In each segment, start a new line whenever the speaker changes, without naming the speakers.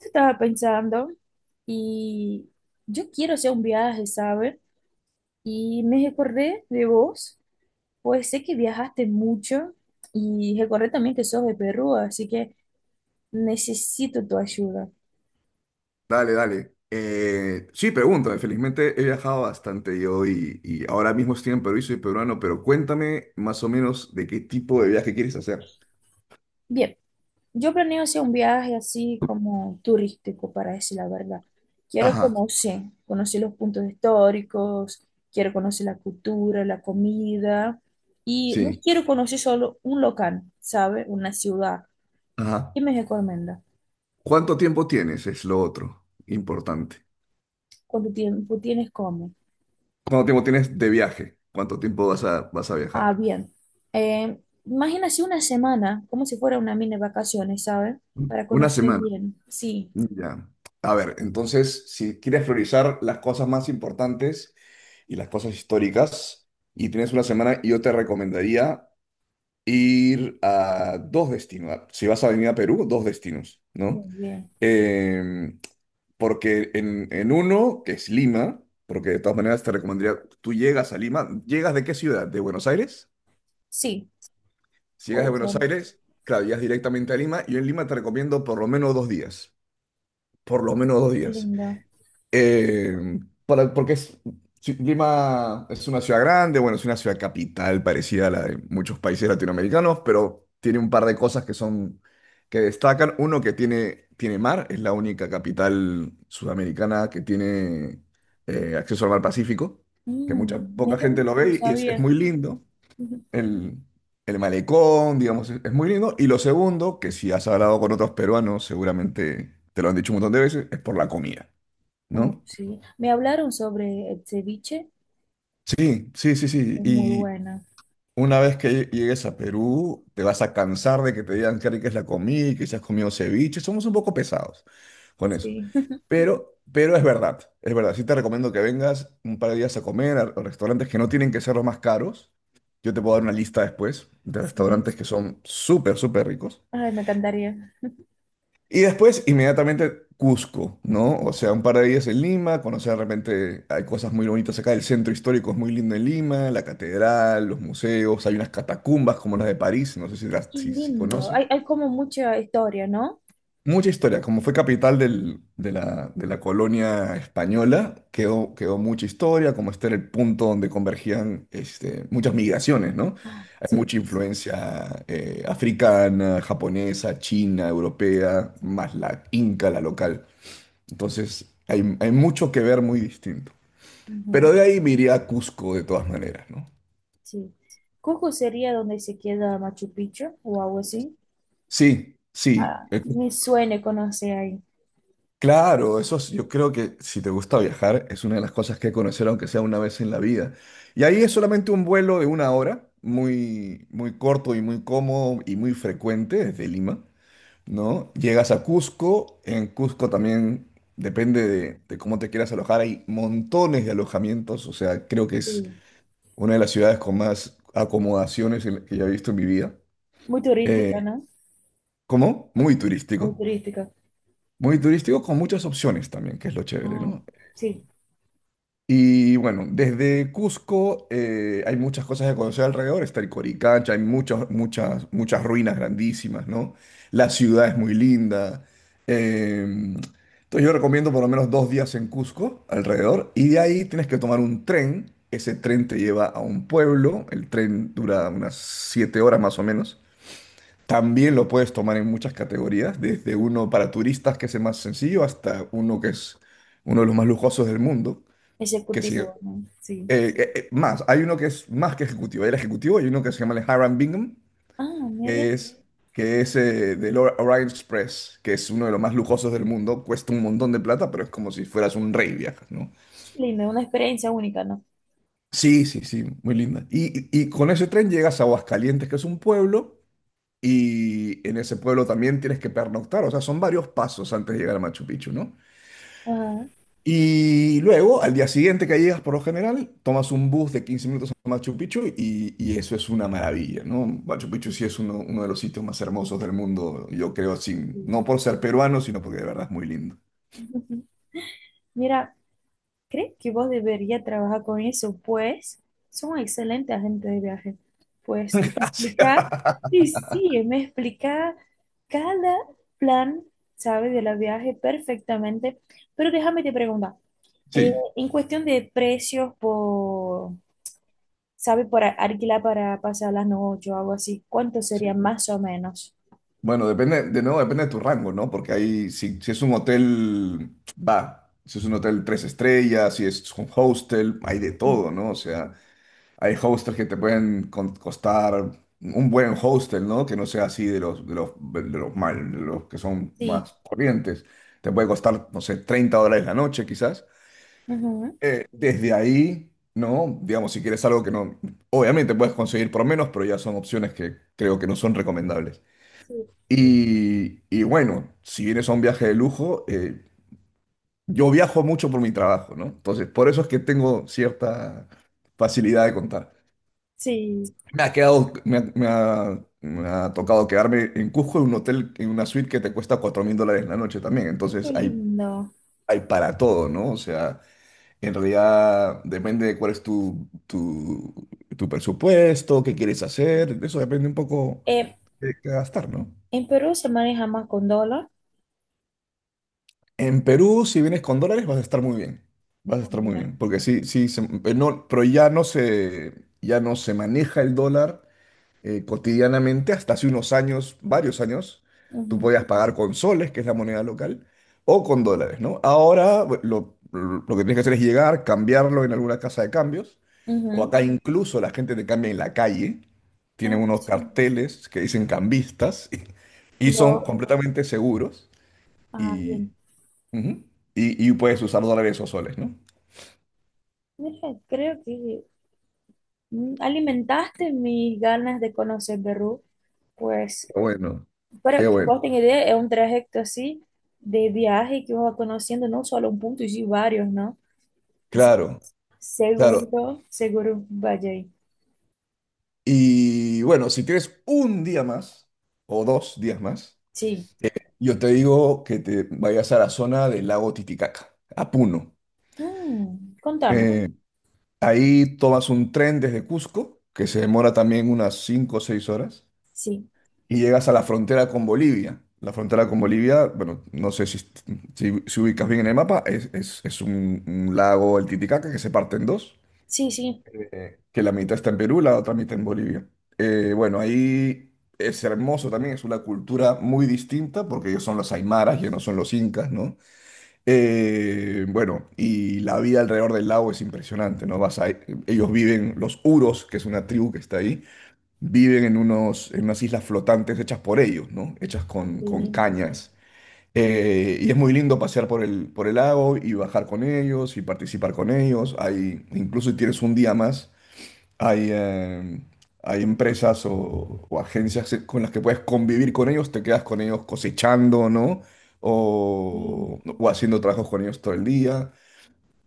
Estaba pensando y yo quiero hacer un viaje, ¿sabes? Y me recordé de vos, pues sé que viajaste mucho y recordé también que sos de Perú, así que necesito tu ayuda.
Dale, dale. Sí, pregúntame. Felizmente he viajado bastante yo y ahora mismo estoy en Perú y soy peruano, pero cuéntame más o menos de qué tipo de viaje quieres hacer.
Bien, yo planeo hacer un viaje así como turístico, para decir la verdad. Quiero
Ajá,
conocer los puntos históricos, quiero conocer la cultura, la comida y no
sí,
quiero conocer solo un local, sabe, una ciudad.
ajá.
Dime, qué Cormenda,
¿Cuánto tiempo tienes? Es lo otro importante.
¿cuánto tiempo tienes como?
¿Cuánto tiempo tienes de viaje? ¿Cuánto tiempo vas a
Ah,
viajar?
bien. Eh, Imagínase una semana, como si fuera una mini vacaciones, ¿sabes? Para
Una
conocer
semana.
bien. Sí,
Ya. A ver, entonces, si quieres priorizar las cosas más importantes y las cosas históricas, y tienes una semana, yo te recomendaría ir a dos destinos. Si vas a venir a Perú, dos destinos,
muy
¿no?
bien.
Em, Porque en uno, que es Lima, porque de todas maneras te recomendaría, tú llegas a Lima, ¿llegas de qué ciudad? ¿De Buenos Aires?
Sí,
Si llegas de
puede ser.
Buenos Aires, claro, llegas directamente a Lima. Yo en Lima te recomiendo por lo menos dos días, por lo menos dos
Qué
días.
linda.
Eh, Porque es, sí, Lima es una ciudad grande, bueno, es una ciudad capital parecida a la de muchos países latinoamericanos, pero tiene un par de cosas que son, que destacan. Uno que tiene mar, es la única capital sudamericana que tiene acceso al mar Pacífico, que
Mm,
mucha, poca
mira,
gente lo
no
ve y es
sabía.
muy lindo.
Ujú.
El, el malecón, digamos, es muy lindo. Y lo segundo, que si has hablado con otros peruanos, seguramente te lo han dicho un montón de veces, es por la comida,
Oh,
¿no?
sí. Me hablaron sobre el ceviche,
Sí, sí, sí, sí.
es muy
Y
buena.
una vez que llegues a Perú, te vas a cansar de que te digan qué rica es la comida, y que si has comido ceviche. Somos un poco pesados con eso.
Sí,
Pero es verdad, es verdad. Sí te recomiendo que vengas un par de días a comer a restaurantes que no tienen que ser los más caros. Yo te puedo dar una lista después de
sí.
restaurantes que son súper, súper ricos.
Ay, me encantaría.
Y después, inmediatamente, Cusco, ¿no? O sea, un par de días en Lima, conocer de repente, hay cosas muy bonitas acá, el centro histórico es muy lindo en Lima, la catedral, los museos, hay unas catacumbas como las de París, no sé si, las,
Qué
si, si
lindo. Hay,
conoces.
hay como mucha historia, ¿no?
Mucha historia, como fue capital de la colonia española, quedó mucha historia, como este era el punto donde convergían este, muchas migraciones, ¿no?
Ah,
Hay
sí.
mucha influencia africana, japonesa, china, europea, más la inca, la local. Entonces, hay mucho que ver muy distinto. Pero de ahí me iría a Cusco de todas maneras, ¿no?
Sí. Cusco sería donde se queda Machu Picchu o algo así.
Sí, sí,
Ah,
eh,
me suena conocer ahí.
claro, yo creo que si te gusta viajar es una de las cosas que hay que conocer aunque sea una vez en la vida. Y ahí es solamente un vuelo de 1 hora, muy, muy corto y muy cómodo y muy frecuente desde Lima, ¿no? Llegas a Cusco, en Cusco también depende de cómo te quieras alojar, hay montones de alojamientos, o sea, creo que es
Sí.
una de las ciudades con más acomodaciones en que ya he visto en mi vida.
Muy
Eh,
turística, ¿no?
¿Cómo? Muy
Muy
turístico.
turística.
Muy turístico con muchas opciones también, que es lo chévere,
Ah,
¿no?
sí.
Y bueno, desde Cusco hay muchas cosas que conocer alrededor. Está el Coricancha, hay muchas, muchas, muchas ruinas grandísimas, ¿no? La ciudad es muy linda. Entonces yo recomiendo por lo menos dos días en Cusco alrededor. Y de ahí tienes que tomar un tren. Ese tren te lleva a un pueblo. El tren dura unas siete horas más o menos. También lo puedes tomar en muchas categorías, desde
Sí.
uno para turistas, que es el más sencillo, hasta uno que es uno de los más lujosos del mundo, que si
Ejecutivo, ¿no? Sí.
más, hay uno que es más que ejecutivo, el ejecutivo, hay uno que se llama el Hiram Bingham,
Ah, mira,
que es, que es del Orient Express, que es uno de los más lujosos del mundo, cuesta un montón de plata, pero es como si fueras un rey viajas, ¿no?
qué lindo, una experiencia única, ¿no?
Sí, sí, sí, muy linda. Y con ese tren llegas a Aguascalientes, que es un pueblo, y en ese pueblo también tienes que pernoctar, o sea, son varios pasos antes de llegar a Machu Picchu, ¿no?
Ajá.
Y luego, al día siguiente que llegas, por lo general, tomas un bus de 15 minutos a Machu Picchu y eso es una maravilla, ¿no? Machu Picchu sí es uno de los sitios más hermosos del mundo, yo creo, sin, no
Sí.
por ser peruano, sino porque de verdad es muy lindo.
Mira, ¿crees que vos deberías trabajar con eso? Pues son excelentes agentes de viaje. Pues me
Gracias.
explica, y sí, me explica cada plan, ¿sabes? De la viaje perfectamente. Pero déjame te preguntar, eh,
Sí,
en cuestión de precios por, ¿sabes? Por alquilar para pasar las noches o algo así, ¿cuánto sería
sí.
más o menos?
Bueno, depende, de nuevo depende de tu rango, ¿no? Porque ahí, si es un hotel, va, si es un hotel tres estrellas, si es un hostel, hay de
Sí,
todo, ¿no? O sea, hay hostels que te pueden costar un buen hostel, ¿no? Que no sea así de los que son
sí.
más corrientes. Te puede costar, no sé, $30 la noche, quizás.
Ujú,
Desde ahí, ¿no? Digamos, si quieres algo que no. Obviamente puedes conseguir por menos, pero ya son opciones que creo que no son recomendables.
sí,
Y bueno, si vienes a un viaje de lujo, yo viajo mucho por mi trabajo, ¿no? Entonces, por eso es que tengo cierta facilidad de contar.
sí.
Me ha quedado, me ha, me ha- Me ha tocado quedarme en Cusco en un hotel, en una suite que te cuesta $4,000 la noche también. Entonces
Qué
hay,
lindo.
hay para todo, ¿no? O sea, en realidad depende de cuál es tu presupuesto, qué quieres hacer. Eso depende un poco
Eh,
de qué gastar, ¿no?
en Perú se maneja más con dólar.
En Perú, si vienes con dólares, vas a estar muy bien. Vas a
Ah,
estar muy
ya.
bien. Porque sí, sí, no, pero ya no se maneja el dólar cotidianamente, hasta hace unos años, varios años, tú
Ujú,
podías pagar con soles, que es la moneda local, o con dólares, ¿no? Ahora lo que tienes que hacer es llegar, cambiarlo en alguna casa de cambios, o
ujú.
acá incluso la gente te cambia en la calle, tienen
Ah,
unos
sí.
carteles que dicen cambistas y, son
Lo,
completamente seguros
ah,
y,
bien.
ujú, y puedes usar dólares o soles, ¿no?
Mira, creo que mm, alimentaste mis ganas de conocer Perú, pues,
Qué bueno, qué
para que
bueno.
vos tengas idea, es un trayecto así de viaje que vos vas conociendo no solo un punto, y sí varios, ¿no? Así,
Claro, claro.
seguro, seguro vaya ahí.
Y bueno, si tienes un día más o dos días más,
Sí.
eh, yo te digo que te vayas a la zona del lago Titicaca, a Puno.
Mm, contame.
Eh, Ahí tomas un tren desde Cusco, que se demora también unas 5 o 6 horas,
Sí,
y llegas a la frontera con Bolivia. La frontera con Bolivia, bueno, no sé si ubicas bien en el mapa, es un lago, el Titicaca, que se parte en dos.
sí, sí,
Que la mitad está en Perú, la otra mitad en Bolivia. Bueno, ahí es hermoso también, es una cultura muy distinta porque ellos son los aymaras, ellos no son los incas, ¿no? Bueno, y la vida alrededor del lago es impresionante, ¿no? Ellos viven, los Uros, que es una tribu que está ahí, viven en unas islas flotantes hechas por ellos, ¿no? Hechas con
sí,
cañas. Y es muy lindo pasear por el lago y bajar con ellos y participar con ellos. Ahí, incluso si tienes un día más. Hay, eh, Hay empresas o agencias con las que puedes convivir con ellos, te quedas con ellos cosechando, ¿no?
sí.
O haciendo trabajos con ellos todo el día.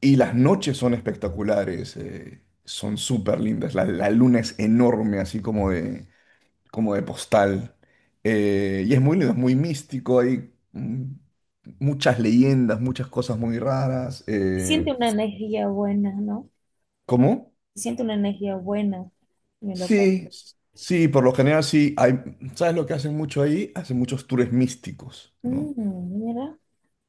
Y las noches son espectaculares, son súper lindas. La luna es enorme, así como de postal. Y es muy lindo, es muy místico, hay muchas leyendas, muchas cosas muy raras.
Siente una energía buena, ¿no?
¿Cómo?
Siente una energía buena, mi loco.
Sí, sí, por lo general sí. Hay, ¿sabes lo que hacen mucho ahí? Hacen muchos tours místicos, ¿no?
Mm, mira.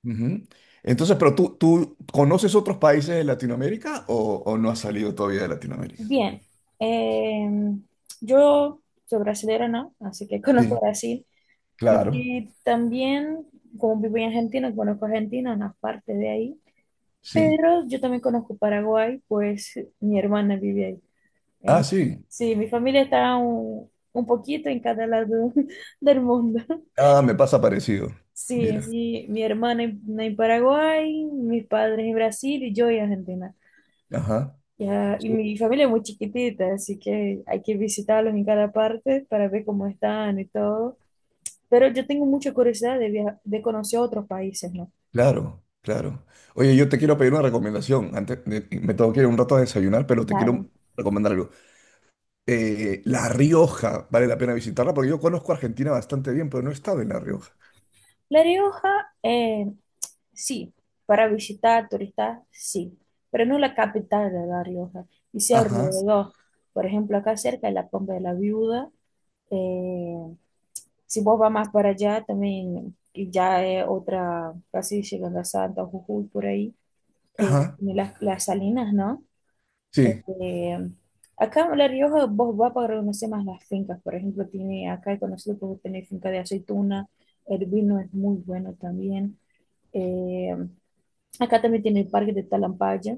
Ujú. Entonces, pero tú, ¿tú conoces otros países de Latinoamérica o no has salido todavía de Latinoamérica?
Bien, eh, yo soy brasileña, ¿no? Así que conozco
Sí,
Brasil.
claro,
Y también, como vivo en Argentina, conozco Argentina, una parte de ahí.
sí.
Pero yo también conozco Paraguay, pues mi hermana vive ahí.
Ah,
Eh,
sí.
sí, mi familia está un poquito en cada lado del mundo.
Ah, me pasa parecido.
Sí,
Mira,
mi hermana en Paraguay, mis padres en Brasil y yo en Argentina.
ajá.
Ya, y
Su-
mi familia es muy chiquitita, así que hay que visitarlos en cada parte para ver cómo están y todo. Pero yo tengo mucha curiosidad de, de conocer otros países, ¿no?
Claro, claro. Oye, yo te quiero pedir una recomendación. Me tengo que ir un rato a desayunar, pero te
Vale.
quiero recomendar algo. La Rioja, vale la pena visitarla porque yo conozco Argentina bastante bien, pero no he estado en La Rioja.
La Rioja, sí, para visitar turistas, sí, pero no la capital de La Rioja, y sí
Ajá,
alrededor. Por ejemplo, acá cerca de la Pompa de la Viuda. eh, si vos vas más para allá, también que ya es otra, casi llegando a Santa, Jujuy, por ahí
ajá,
tiene las salinas, ¿no?
sí,
Este, acá en La Rioja vos vas para conocer más las fincas, por ejemplo, tiene, acá he conocido que tiene finca de aceituna, el vino es muy bueno también. Eh, acá también tiene el parque de Talampaya,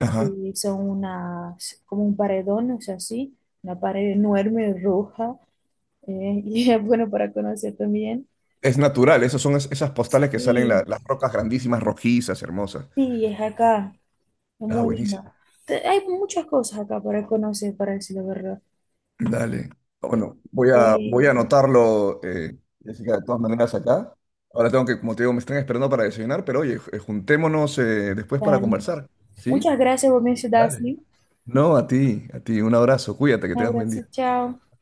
ajá.
que son unas, como un paredón, o sea, así, una pared enorme, roja, y es bueno para conocer también.
Es natural, esas son esas postales que salen
Sí,
las rocas grandísimas, rojizas, hermosas.
sí, es acá, es
Ah,
muy
buenísimo.
linda. Te- Hay muchas cosas acá para conocer, para decir la verdad.
Dale. Bueno,
Eh,
voy a anotarlo, Jessica, de todas maneras acá. Ahora tengo que, como te digo, me están esperando para desayunar, pero oye, juntémonos después para
dale.
conversar. ¿Sí?
Muchas gracias por mencionar, ¿sí?
No, a ti, a ti. Un abrazo. Cuídate, que
Un
tengas buen
abrazo,
día.
chao.
Bye.